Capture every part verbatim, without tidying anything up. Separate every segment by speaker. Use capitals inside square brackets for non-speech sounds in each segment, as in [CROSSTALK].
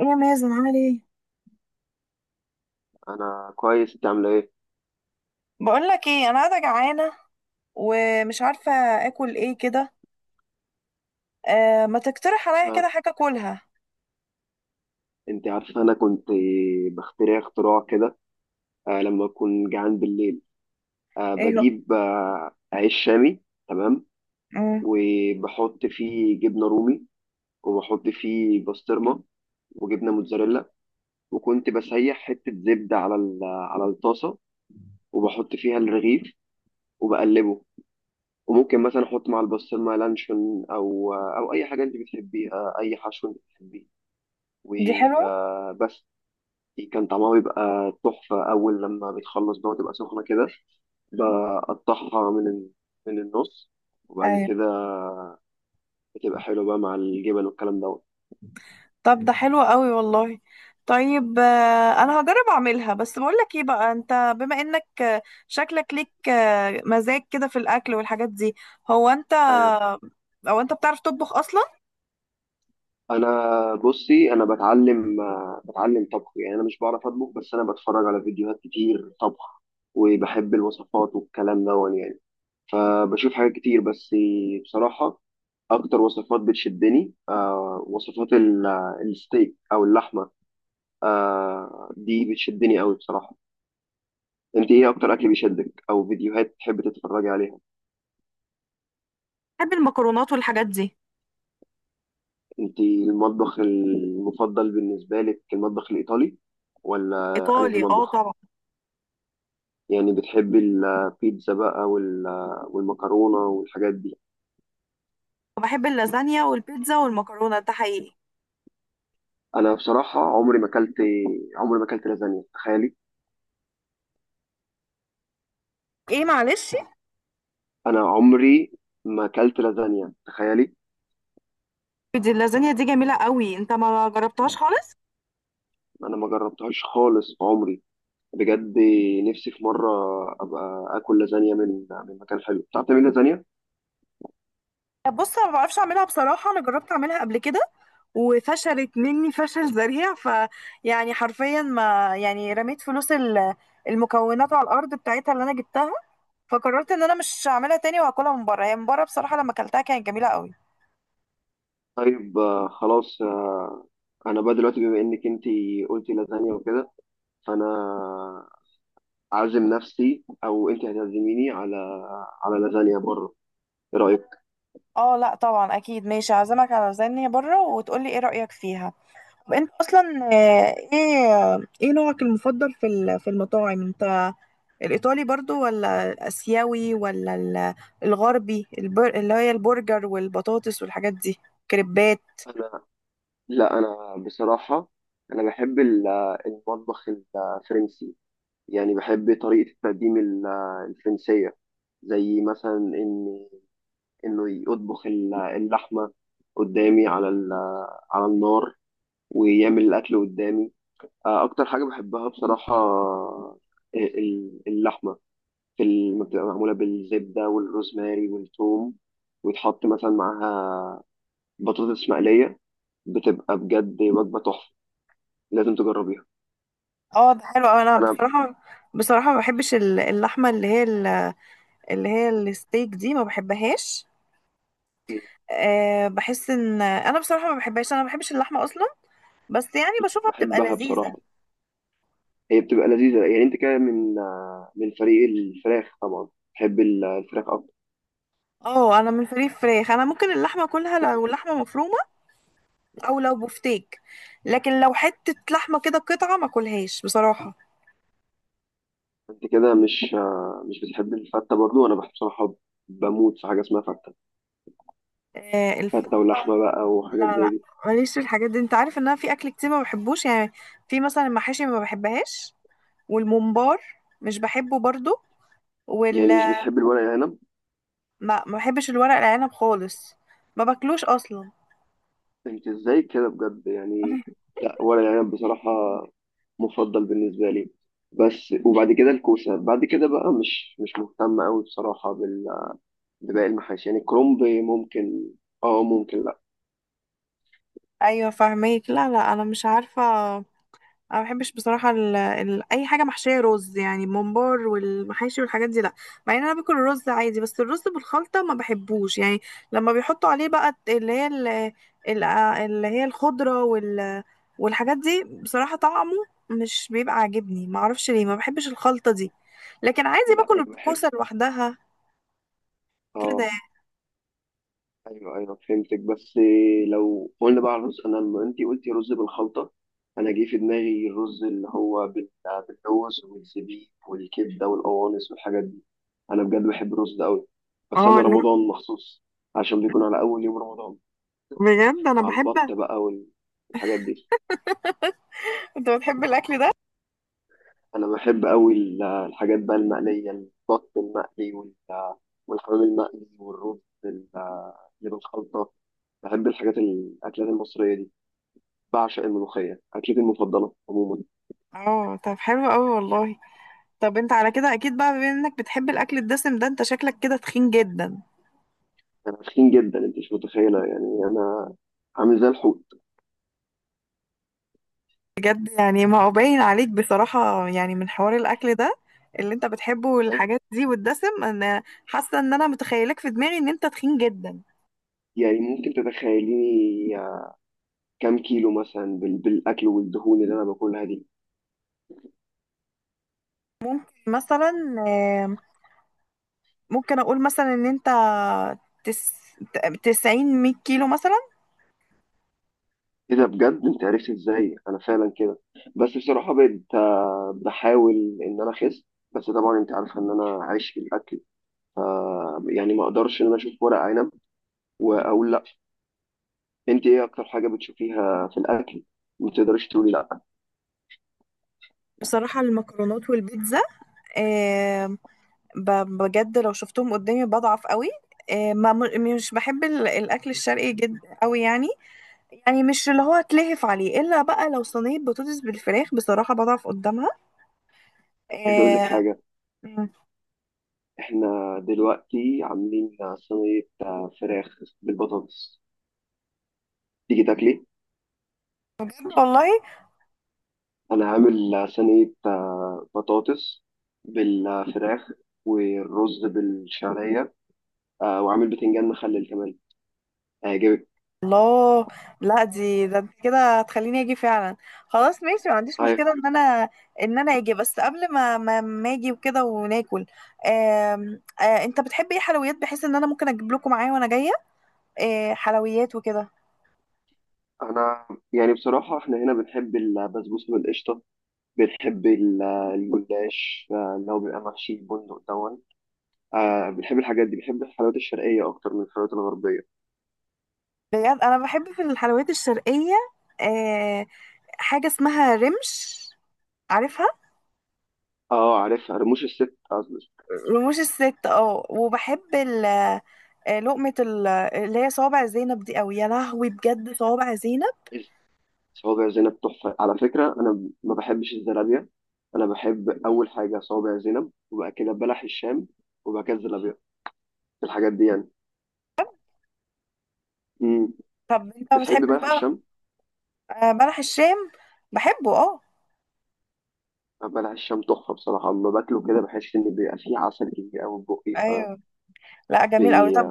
Speaker 1: يا مازن، عامل ايه؟
Speaker 2: انا كويس، انت عامله ايه؟
Speaker 1: بقول لك ايه، انا قاعده جعانه ومش عارفه اكل ايه كده. آه ما تقترح عليا كده
Speaker 2: آه.
Speaker 1: حاجه اكلها.
Speaker 2: انت عارفه، انا كنت بخترع اختراع كده آه لما اكون جعان بالليل. آه
Speaker 1: ايه هو؟
Speaker 2: بجيب آه عيش شامي. تمام.
Speaker 1: مم.
Speaker 2: وبحط فيه جبنه رومي، وبحط فيه بسطرمه، وجبنه موتزاريلا. وكنت بسيح حته زبده على ال- على الطاسه وبحط فيها الرغيف وبقلبه. وممكن مثلا احط مع البسطرمه لانشون او آه، او اي حاجه انت بتحبيها، اي حشو انت بتحبيه.
Speaker 1: دي حلوه.
Speaker 2: وبس. كان طعمها بيبقى تحفة أول لما بتخلص بقى وتبقى سخنة كده. بقطعها من ال- من النص، وبعد
Speaker 1: ايوه،
Speaker 2: كده بتبقى حلوة بقى مع الجبن والكلام دوت.
Speaker 1: طب ده حلو قوي والله. طيب، آه انا هجرب اعملها. بس بقول لك ايه بقى، انت بما انك آه، شكلك ليك آه، مزاج كده في الاكل والحاجات دي. هو انت،
Speaker 2: أيوه.
Speaker 1: او انت بتعرف تطبخ اصلا؟
Speaker 2: أنا بصي، أنا بتعلم آه، بتعلم طبخ. يعني أنا مش بعرف أطبخ بس أنا بتفرج على فيديوهات كتير طبخ. وبحب الوصفات والكلام دوت يعني. آه، بشوف حاجات كتير بس بصراحة. أكتر وصفات بتشدني آه، وصفات ال- الستيك أو اللحمة. آه، دي بتشدني أوي بصراحة. انت ايه اكتر اكل بيشدك او فيديوهات تحب تتفرجي عليها؟
Speaker 1: بحب المكرونات والحاجات دي.
Speaker 2: انت المطبخ المفضل بالنسبه لك المطبخ الايطالي، ولا انهي
Speaker 1: ايطالي، اه
Speaker 2: مطبخ؟
Speaker 1: طبعا.
Speaker 2: يعني بتحبي البيتزا بقى وال- والمكرونه والحاجات دي؟
Speaker 1: بحب اللازانيا والبيتزا والمكرونه ده حقيقي.
Speaker 2: انا بصراحه، عمري ما اكلت عمري ما اكلت لازانيا تخيلي.
Speaker 1: ايه معلش.
Speaker 2: انا عمري ما اكلت لازانيا تخيلي.
Speaker 1: دي اللازانيا دي جميلة قوي، انت ما جربتهاش خالص؟
Speaker 2: انا ما جربتهاش خالص في عمري بجد. نفسي في مره ابقى اكل لازانيا من من مكان حلو. بتعرف تعملي لازانيا؟
Speaker 1: بص، انا ما بعرفش اعملها بصراحه. انا جربت اعملها قبل كده وفشلت مني فشل ذريع، ف يعني حرفيا ما يعني رميت فلوس ال- المكونات على الارض بتاعتها اللي انا جبتها. فقررت ان انا مش هعملها تاني واكلها من بره. هي من بره بصراحه لما اكلتها كانت جميله قوي.
Speaker 2: طيب، آه، خلاص. آه، انا بقى دلوقتي، بما انك انت قلتي لازانيا وكده، فانا عازم نفسي او انت هتعزميني على على لازانيا بره. ايه رايك؟
Speaker 1: اه، لا طبعا، اكيد ماشي. هعزمك على لازانيا بره وتقولي ايه رايك فيها. طب انت اصلا، آه، ايه آه، ايه نوعك المفضل في ال- في المطاعم؟ انت الإيطالي برضو، ولا الآسيوي، ولا ال- الغربي، البر... اللي هي البرجر والبطاطس والحاجات دي؟ كريبات.
Speaker 2: انا لا، انا بصراحه انا بحب ال- المطبخ الفرنسي. يعني بحب طريقه التقديم ال- الفرنسيه. زي مثلا ان انه يطبخ ال- اللحمه قدامي على ال- على النار ويعمل الاكل قدامي. آه، اكتر حاجه بحبها بصراحه، آه، ال- اللحمه في الم- بتبقى معموله بالزبده والروزماري والثوم، ويتحط مثلا معاها بطاطس مقليه. بتبقى بجد وجبه تحفه، لازم تجربيها.
Speaker 1: اه ده حلو أوي. انا
Speaker 2: انا
Speaker 1: بصراحة بصراحة ما بحبش ال- اللحمة، اللي هي ال- اللي هي الستيك دي، ما بحبهاش. أه، بحس ان انا بصراحة ما بحبهاش، انا ما بحبش اللحمة اصلا. بس يعني بشوفها بتبقى
Speaker 2: بحبها
Speaker 1: لذيذة.
Speaker 2: بصراحه، هي بتبقى لذيذه. يعني انت كده من آه، من فريق الفراخ طبعا. بحب ال- الفراخ اكتر.
Speaker 1: اه، انا من فريق فراخ. انا ممكن اللحمة كلها لو اللحمة مفرومة او لو بفتيك، لكن لو حتة لحمة كده قطعة ما كلهاش بصراحة.
Speaker 2: انت كده مش آه، مش بتحب الفته برضو؟ انا بحب بصراحه، بموت في حاجه اسمها فته.
Speaker 1: آه، الف-
Speaker 2: فته ولحمه بقى وحاجات
Speaker 1: لا
Speaker 2: زي
Speaker 1: لا،
Speaker 2: دي.
Speaker 1: ماليش في الحاجات دي. انت عارف ان انا في اكل كتير ما بحبوش يعني. في مثلا المحاشي ما بحبهاش، والممبار مش بحبه برضو، وال
Speaker 2: يعني مش بتحب الورق العنب؟
Speaker 1: ما ما بحبش الورق العنب خالص، ما باكلوش اصلا.
Speaker 2: انت ازاي كده بجد يعني؟
Speaker 1: [LAUGHS]
Speaker 2: لا، ورق العنب بصراحة مفضل بالنسبة لي. بس وبعد كده الكوسة. بعد كده بقى مش مش مهتم قوي بصراحة بال- بباقي المحاشي. يعني كرومب ممكن. اه ممكن، لا.
Speaker 1: ايوه فاهمك. لا لا، انا مش عارفه. انا ما بحبش بصراحه ال... ال... اي حاجه محشيه رز يعني، ممبار والمحاشي والحاجات دي لا. مع ان انا باكل الرز عادي، بس الرز بالخلطه ما بحبوش يعني. لما بيحطوا عليه بقى اللي هي ال... ال... آه، اللي هي الخضره وال... والحاجات دي، بصراحه طعمه مش بيبقى عاجبني. ما اعرفش ليه ما بحبش الخلطه دي، لكن عادي
Speaker 2: لا، انا
Speaker 1: باكل
Speaker 2: بحب.
Speaker 1: الكوسه لوحدها كده
Speaker 2: اه
Speaker 1: يعني.
Speaker 2: ايوه، ايوه، فهمتك. بس لو قلنا بقى على الرز، انا لما انت قلتي رز بالخلطه، انا جه في دماغي الرز اللي هو بال- بالرز والزبيب والكبده والقوانص والحاجات دي. انا بجد بحب الرز ده قوي، بس
Speaker 1: اه
Speaker 2: انا
Speaker 1: لا،
Speaker 2: رمضان مخصوص عشان بيكون على اول يوم رمضان
Speaker 1: بجد انا
Speaker 2: مع البط
Speaker 1: بحب.
Speaker 2: بقى والحاجات دي.
Speaker 1: انت بتحب الاكل ده؟
Speaker 2: انا بحب قوي ال- الحاجات بقى المقليه: البط المقلي وال- والحمام المقلي، والرز ال- اللي بالخلطه. بحب الحاجات، الاكلات المصريه دي. بعشق الملوخية، أكلتي المفضلة عموما.
Speaker 1: اه، طب حلو قوي والله. طب انت على كده اكيد بقى، بما انك بتحب الاكل الدسم ده، انت شكلك كده تخين جدا.
Speaker 2: أنا تخين جدا أنت مش متخيلة، يعني أنا عامل زي الحوت.
Speaker 1: بجد يعني، ما هو باين عليك بصراحة يعني من حوار الاكل ده اللي انت بتحبه
Speaker 2: أيوة.
Speaker 1: والحاجات دي والدسم، انا حاسة ان انا متخيلك في دماغي ان انت تخين جدا.
Speaker 2: يعني ممكن تتخيليني كام كيلو مثلا بال- بالأكل والدهون اللي أنا باكلها دي.
Speaker 1: مثلا، آم، ممكن اقول مثلا ان انت تس... تسعين مية كيلو مثلا.
Speaker 2: إيه ده بجد، أنت عرفت إزاي أنا فعلا كده. بس بصراحة بقيت آه، بحاول إن أنا أخس. بس طبعا أنت عارفة إن أنا عايش في الأكل، ف يعني ما أقدرش إن أنا أشوف ورق عنب وأقول لأ. أنت إيه أكتر حاجة بتشوفيها في الأكل ما تقدريش تقولي لأ؟
Speaker 1: بصراحة المكرونات والبيتزا، آم، ب- بجد لو شفتهم قدامي بضعف قوي. آم، ما مش بحب ال- الاكل الشرقي جدا قوي يعني. يعني مش اللي هو اتلهف عليه، الا بقى لو صينيه بطاطس بالفراخ، بصراحه بضعف قدامها.
Speaker 2: عايز اقول لك
Speaker 1: آه.
Speaker 2: حاجه.
Speaker 1: مم.
Speaker 2: احنا دلوقتي عاملين صينيه آه، فراخ بالبطاطس. تيجي تاكلي؟
Speaker 1: والله.
Speaker 2: انا عامل آه، صينيه آه، بطاطس بالفراخ والرز بالشعريه، آه، وعامل بتنجان مخلل كمان. هيعجبك.
Speaker 1: الله. لا دي، ده انت كده هتخليني اجي فعلا. خلاص ماشي، ما عنديش
Speaker 2: هاي-
Speaker 1: مشكله ان انا ان انا اجي. بس قبل ما ما, ما اجي وكده وناكل، آم، آه انت بتحب ايه حلويات بحيث ان انا ممكن اجيب لكم معايا وانا جايه؟ آه حلويات وكده.
Speaker 2: انا يعني بصراحه احنا هنا بنحب البسبوسه بالقشطه. بتحبي ال- الجلاش، آه، اللي هو بيبقى محشي البندق دون؟ آه، بتحبي الحاجات دي؟ بتحبي الحلويات الشرقية أكتر من الحلويات الغربية؟
Speaker 1: بجد انا بحب في الحلويات الشرقيه، آه، حاجه اسمها رمش، عارفها؟
Speaker 2: اه، عارفها، رموش الست قصدي.
Speaker 1: رموش الست، اه. وبحب ال آه، لقمة ال- اللي هي صوابع زينب دي قوي. يا لهوي بجد، صوابع زينب.
Speaker 2: صوابع زينب تحفة على فكرة. أنا ما بحبش الزلابية. أنا بحب أول حاجة صوابع زينب، وبعد كده بلح الشام، وبعد كده الزلابية. الحاجات دي يعني. مم.
Speaker 1: طب انت ما
Speaker 2: بتحبي
Speaker 1: بتحبش
Speaker 2: بلح
Speaker 1: بقى
Speaker 2: الشام؟
Speaker 1: آه، بلح الشام؟ بحبه اه.
Speaker 2: آه، بلح الشام تحفة بصراحة. أما باكله كده بحس إن بيبقى فيه عسل كتير أوي في بقي، ف
Speaker 1: ايوه لا، جميل قوي. طب،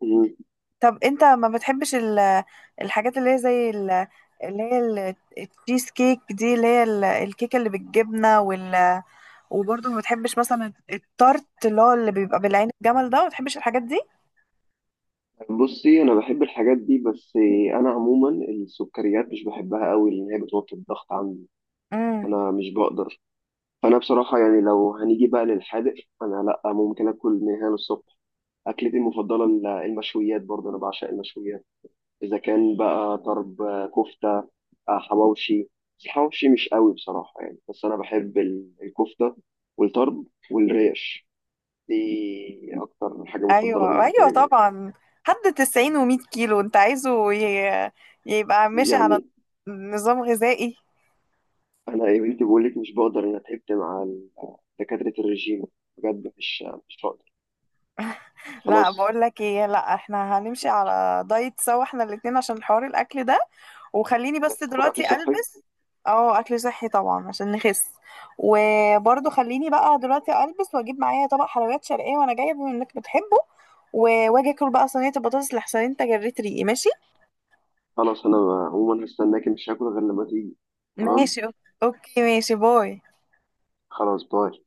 Speaker 2: بي...
Speaker 1: طب انت ما بتحبش ال- الحاجات اللي هي زي ال- اللي هي ال- التشيز كيك دي، اللي هي ال- الكيكة اللي بالجبنة وال... وبرضه ما بتحبش مثلا التارت اللي هو اللي بيبقى بالعين الجمل ده، ما بتحبش الحاجات
Speaker 2: بصي، انا بحب الحاجات دي بس. انا عموما السكريات مش بحبها قوي لان هي بتوطي الضغط عندي،
Speaker 1: دي؟
Speaker 2: فانا مش بقدر. فانا بصراحه يعني، لو هنيجي بقى للحادق، انا لا ممكن اكل من هنا للصبح. اكلتي المفضله ال- المشويات برضه. انا بعشق المشويات. اذا كان بقى طرب، آه، كفته، آه، حواوشي. بس الحواوشي مش قوي بصراحه يعني. بس انا بحب ال- الكفته والطرب والريش. دي اكتر حاجه مفضله
Speaker 1: ايوه
Speaker 2: بالنسبه
Speaker 1: ايوه
Speaker 2: لي برضه.
Speaker 1: طبعا. حد تسعين و100 كيلو انت عايزه ي- يبقى ماشي على
Speaker 2: يعني
Speaker 1: نظام غذائي.
Speaker 2: انا يا بنتي بقول لك مش بقدر. انا تعبت مع ال- دكاتره الرجيم بجد، مش مش بقدر.
Speaker 1: لا،
Speaker 2: خلاص
Speaker 1: بقول لك ايه، لا احنا هنمشي على دايت سوا احنا الاتنين عشان حوار الاكل ده. وخليني بس
Speaker 2: هاكل اكل
Speaker 1: دلوقتي
Speaker 2: صحي.
Speaker 1: البس. اه، اكل صحي طبعا عشان نخس. وبرضه خليني بقى دلوقتي البس واجيب معايا طبق حلويات شرقيه وانا جايه بما انك بتحبه. و- واجي اكل بقى صينيه البطاطس لحسن انت جريت ريقي. ماشي
Speaker 2: خلاص. انا عموما هستناك، مش هاكل غير لما تيجي. تمام.
Speaker 1: ماشي أو- اوكي ماشي، باي.
Speaker 2: خلاص، باي.